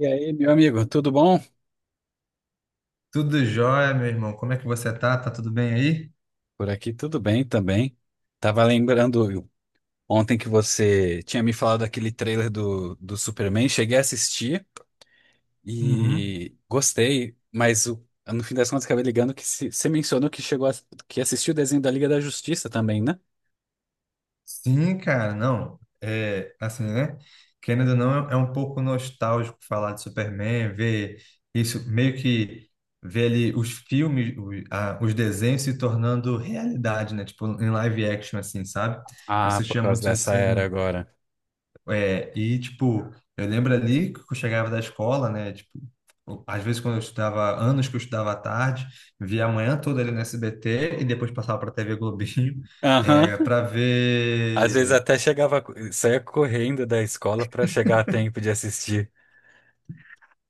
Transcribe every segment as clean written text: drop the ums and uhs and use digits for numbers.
E aí, meu amigo, tudo bom? Tudo jóia, meu irmão. Como é que você tá? Tá tudo bem aí? Por aqui tudo bem também. Tava lembrando ontem que você tinha me falado daquele trailer do Superman, cheguei a assistir Uhum. e gostei, no fim das contas acabei ligando que se- você mencionou que chegou que assistiu o desenho da Liga da Justiça também, né? Sim, cara, não. É assim, né? Querendo ou não, é um pouco nostálgico falar de Superman, ver isso, meio que ver ali os filmes, os desenhos se tornando realidade, né? Tipo, em live action, assim, sabe? Ah, por Assistia causa muito dessa era assim. agora. É, e, tipo, eu lembro ali que eu chegava da escola, né? Tipo, às vezes quando eu estudava, anos que eu estudava à tarde, via a manhã toda ali no SBT e depois passava para a TV Globinho, é, Aham. para Às vezes ver até saía correndo da escola pra chegar a tempo de assistir.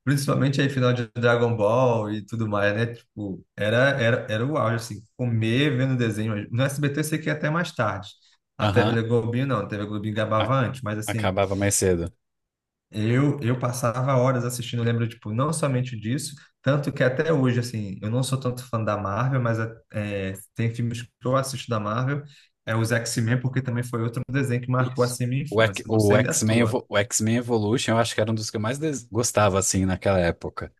principalmente aí final de Dragon Ball e tudo mais, né? Tipo, era o auge, assim, comer vendo desenho. No SBT eu sei que ia até mais tarde. A Aham. TV Globinho não, a TV Globinho A- gabava antes, mas assim, Acabava mais cedo. eu passava horas assistindo, eu lembro, tipo, não somente disso, tanto que até hoje, assim, eu não sou tanto fã da Marvel, mas é, tem filmes que eu assisto da Marvel, é os X-Men, porque também foi outro desenho que marcou, Isso. assim, minha O, Ec- infância, não o sei a X-Men tua. Evo- o X-Men Evolution, eu acho que era um dos que eu mais gostava, assim, naquela época.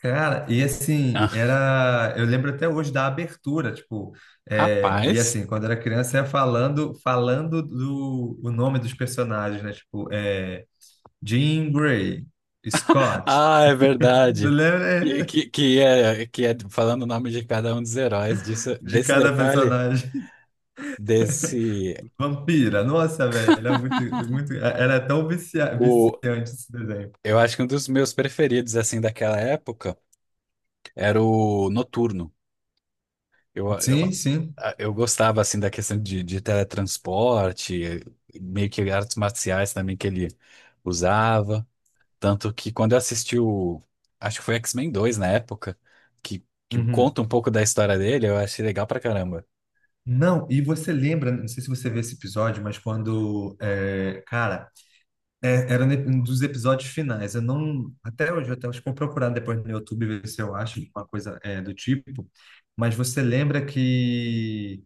Cara, e assim, Ah, era, eu lembro até hoje da abertura, tipo, é, e rapaz. assim, quando era criança, ia falando o nome dos personagens, né, tipo, é, Jean Grey, Scott, Ah, é tu verdade. Que, lembra? que, que é, que é falando o nome de cada um dos heróis. Disso, De desse cada detalhe, personagem. desse. Vampira, nossa, velho, é muito, era tão O, viciante esse desenho. eu acho que um dos meus preferidos, assim, daquela época era o Noturno. Eu, Sim, eu, sim. eu gostava, assim, da questão de teletransporte, meio que artes marciais também que ele usava. Tanto que quando eu assisti o. Acho que foi X-Men 2 na época, que Uhum. conta um pouco da história dele, eu achei legal pra caramba. Não, e você lembra, não sei se você vê esse episódio, mas quando, é, cara, é, era um dos episódios finais, eu não, até hoje, eu até acho que vou procurar depois no YouTube ver se eu acho uma coisa é, do tipo, mas você lembra que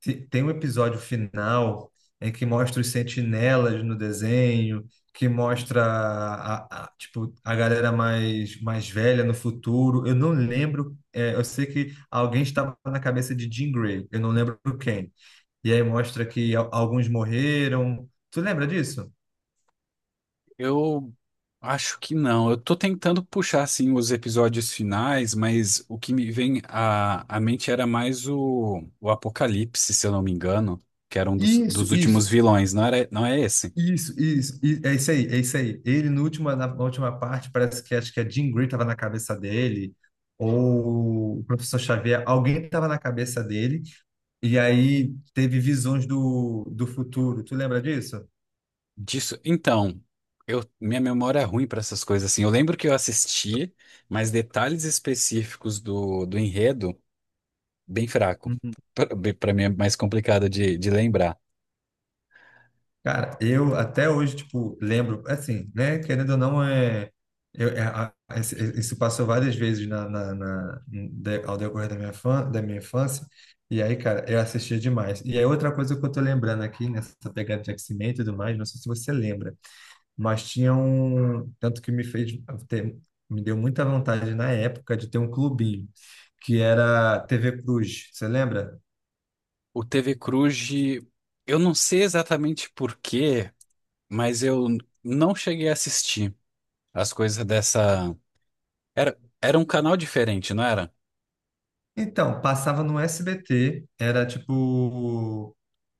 Tem um episódio final em que mostra os sentinelas no desenho, que mostra tipo, a galera mais velha no futuro. Eu não lembro, é, eu sei que alguém estava na cabeça de Jean Grey, eu não lembro quem. E aí mostra que alguns morreram. Tu lembra disso? Eu acho que não. Eu tô tentando puxar, assim, os episódios finais, mas o que me vem à mente era mais o Apocalipse, se eu não me engano, que era um dos, Isso, dos últimos isso. vilões, não era, não é esse? É isso aí, é isso aí. Ele, no última, na última parte, parece que acho que a Jean Grey estava na cabeça dele, ou o professor Xavier, alguém estava na cabeça dele, e aí teve visões do futuro. Tu lembra disso? Disso. Então, eu, minha memória é ruim pra essas coisas, assim. Eu lembro que eu assisti, mas detalhes específicos do enredo. Bem fraco. Para mim é mais complicado de lembrar. Cara, eu até hoje, tipo, lembro, assim, né, querendo ou não, é, eu, isso passou várias vezes ao decorrer da minha, fã, da minha infância, e aí, cara, eu assistia demais. E aí, outra coisa que eu tô lembrando aqui, nessa pegada de X-Men e tudo mais, não sei se você lembra, mas tinha um, tanto que me fez ter, me deu muita vontade na época de ter um clubinho, que era TV Cruz, você lembra? O TV Cruz, eu não sei exatamente por quê, mas eu não cheguei a assistir as coisas dessa. Era um canal diferente, não era? Então, passava no SBT, era tipo um,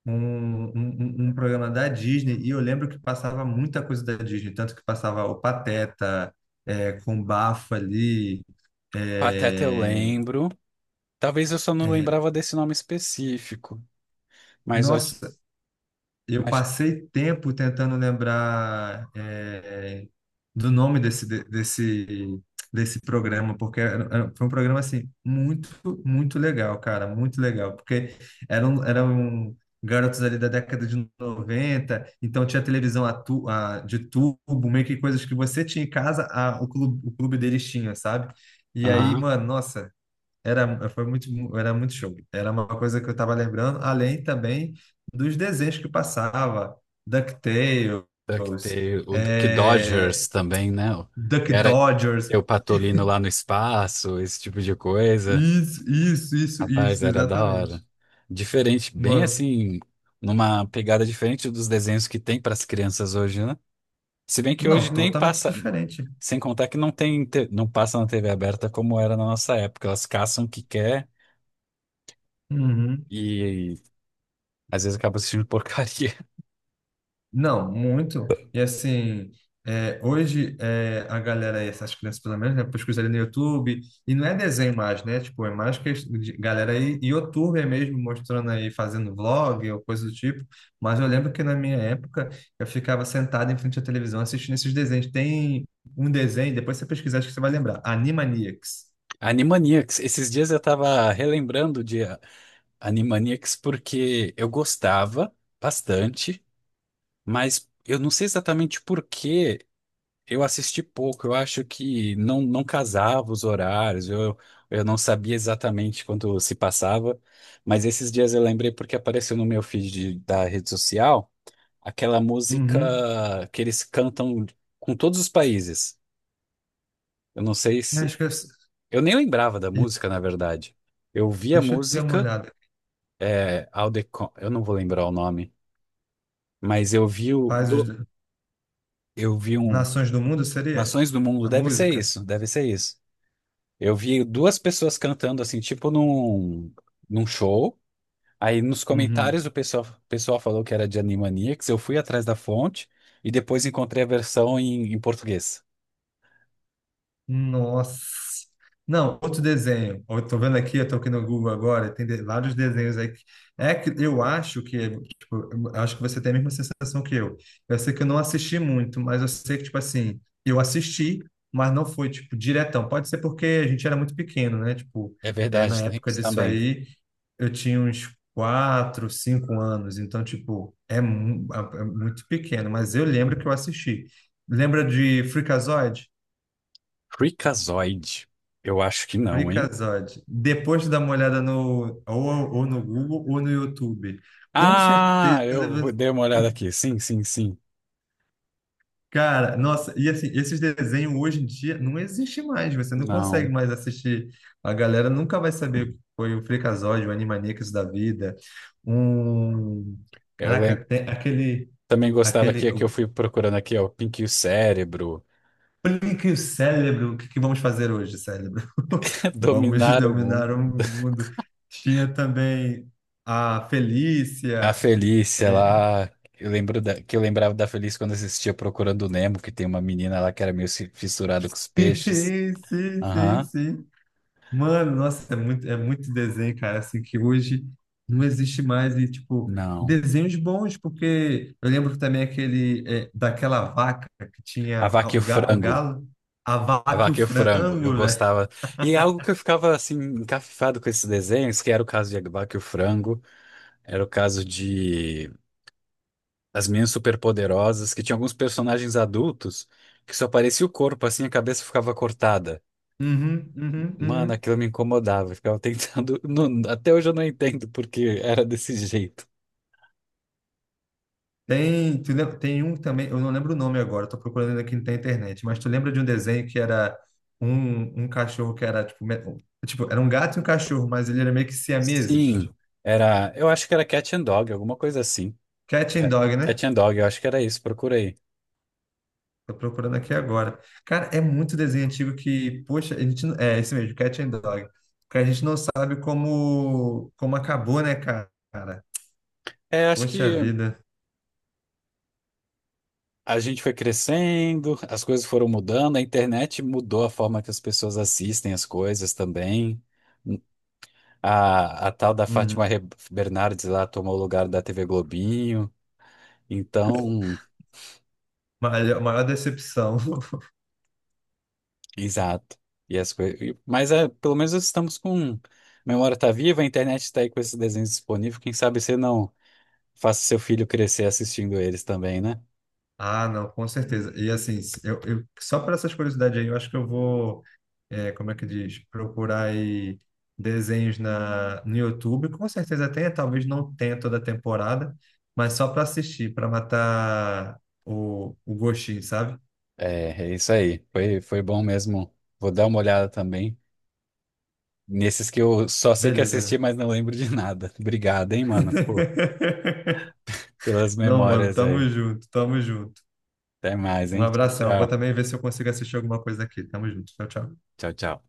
um, um um programa da Disney e eu lembro que passava muita coisa da Disney, tanto que passava o Pateta é, com bafo ali. Pateta eu É, lembro. Talvez eu só não é, lembrava desse nome específico. Mas. Nossa, eu mas passei tempo tentando lembrar é, do nome desse programa, porque foi um programa assim muito, muito legal, cara, muito legal, porque eram garotos ali da década de noventa, então tinha televisão de tubo, meio que coisas que você tinha em casa, o clube deles tinha, sabe? E aí, aham. mano, nossa, era, foi muito, era muito show. Era uma coisa que eu estava lembrando, além também dos desenhos que passava, DuckTales, Duck Tale, o Duck Dodgers é, também, né? Duck Que era Dodgers, eu patolino lá no espaço, esse tipo de coisa. isso, isso, isso, Rapaz, isso, era da hora. exatamente. Diferente, bem Mano, assim, numa pegada diferente dos desenhos que tem para as crianças hoje, né? Se bem que hoje não, nem totalmente passa, diferente. sem contar que não tem, não passa na TV aberta como era na nossa época. Elas caçam o que quer Uhum. e, às vezes acabam assistindo porcaria. Não, muito. E assim, é, hoje é, a galera, essas crianças pelo menos, né, pesquisa ali no YouTube, e não é desenho mais, né? Tipo, é mais que galera aí, YouTube mesmo, mostrando aí, fazendo vlog ou coisa do tipo. Mas eu lembro que na minha época eu ficava sentado em frente à televisão assistindo esses desenhos. Tem um desenho, depois você pesquisar, acho que você vai lembrar. Animaniacs. Animaniacs, esses dias eu tava relembrando de Animaniacs porque eu gostava bastante, mas eu não sei exatamente por quê. Eu assisti pouco, eu acho que não, não casava os horários, eu não sabia exatamente quando se passava, mas esses dias eu lembrei porque apareceu no meu feed da rede social aquela música Uhum. que eles cantam com todos os países. Eu não sei se. Acho que eu, Eu nem lembrava da música, na verdade. Eu vi a deixa eu dar uma música, olhada. é, Aldecon, eu não vou lembrar o nome, mas eu Faz os eu vi um. Nações do Mundo, seria? Nações do A Mundo, deve ser música? isso, deve ser isso. Eu vi duas pessoas cantando assim, num show. Aí nos Uhum. comentários o pessoal falou que era de Animaniacs. Eu fui atrás da fonte e depois encontrei a versão em português. Nossa. Não, outro desenho. Eu tô vendo aqui, eu tô aqui no Google agora, tem vários desenhos aí. É que eu acho que, tipo, eu acho que você tem a mesma sensação que eu. Eu sei que eu não assisti muito, mas eu sei que, tipo assim, eu assisti, mas não foi, tipo, diretão. Pode ser porque a gente era muito pequeno, né? Tipo, É é, verdade, na tem época isso disso também. aí, eu tinha uns quatro, cinco anos. Então, tipo, é, é muito pequeno, mas eu lembro que eu assisti. Lembra de Freakazoid? Freakazoid. Eu acho que não, hein? Freakazoid. Depois de dar uma olhada no, ou no Google ou no YouTube, com certeza, você- Dei uma olhada aqui. Sim. cara, nossa, e assim, esses desenhos hoje em dia não existem mais, você não consegue Não. mais assistir. A galera nunca vai saber o que foi o Freakazoid, o Animaniacs da vida, um... Eu Caraca, lembro. tem aquele, Também gostava aquele... aqui, que eu fui procurando aqui, ó, Pinky e o Cérebro, Aplique o cérebro, o que que vamos fazer hoje, cérebro? Vamos Dominar o dominar Mundo. o mundo. Tinha também a A Felícia, Felícia é, lá, eu lembro que eu lembrava da Felícia quando assistia Procurando o Nemo, que tem uma menina lá que era meio fissurada com os peixes. sim, sim, Aham, sim. Mano, nossa, é muito desenho, cara, assim, que hoje não existe mais, e, tipo, não. desenhos bons, porque eu lembro também aquele, é, daquela vaca que A tinha Vaca e o o Frango. galo, a A vaca e o Vaca e o Frango, eu frango, velho. gostava. E algo que eu ficava assim, encafifado com esses desenhos, que era o caso de A Vaca e o Frango, era o caso de As Meninas Superpoderosas, que tinha alguns personagens adultos que só aparecia o corpo, assim, a cabeça ficava cortada. Uhum, uhum, Mano, uhum. aquilo me incomodava. Eu ficava tentando. Até hoje eu não entendo porque era desse jeito. Tem, tem um também, eu não lembro o nome agora, tô procurando aqui na internet, mas tu lembra de um desenho que era um, um cachorro que era, tipo, me- tipo, era um gato e um cachorro, mas ele era meio que Sim. siameses? Era. Eu acho que era Cat and Dog, alguma coisa assim. Cat and É, Dog, né? Cat and Dog, eu acho que era isso. Procura aí. Tô procurando aqui agora. Cara, é muito desenho antigo que, poxa, a gente, é esse mesmo, Cat and Dog. Porque a gente não sabe como, como acabou, né, cara? É, acho Poxa que vida. a gente foi crescendo, as coisas foram mudando, a internet mudou a forma que as pessoas assistem as coisas também. A tal da Uhum. Bernardes lá tomou o lugar da TV Globinho. Então. Maior, maior decepção. Exato. E as coisas. Mas é, pelo menos estamos com. A memória está viva, a internet está aí com esses desenhos disponíveis. Quem sabe você não faça seu filho crescer assistindo eles também, né? Ah, não, com certeza. E assim, eu só para essas curiosidades aí, eu acho que eu vou, é, como é que diz, procurar aí desenhos na, no YouTube. Com certeza tem, talvez não tenha toda a temporada, mas só para assistir, para matar o gostinho, sabe? É, é isso aí. Foi, foi bom mesmo. Vou dar uma olhada também. Nesses que eu só sei que Beleza, meu. assisti, mas não lembro de nada. Obrigado, hein, mano, pô, pelas Não, mano, memórias tamo aí. junto, tamo junto. Até mais, Um hein? Tchau, abração. Eu vou tchau. também ver se eu consigo assistir alguma coisa aqui. Tamo junto. Tchau, tchau. Tchau, tchau.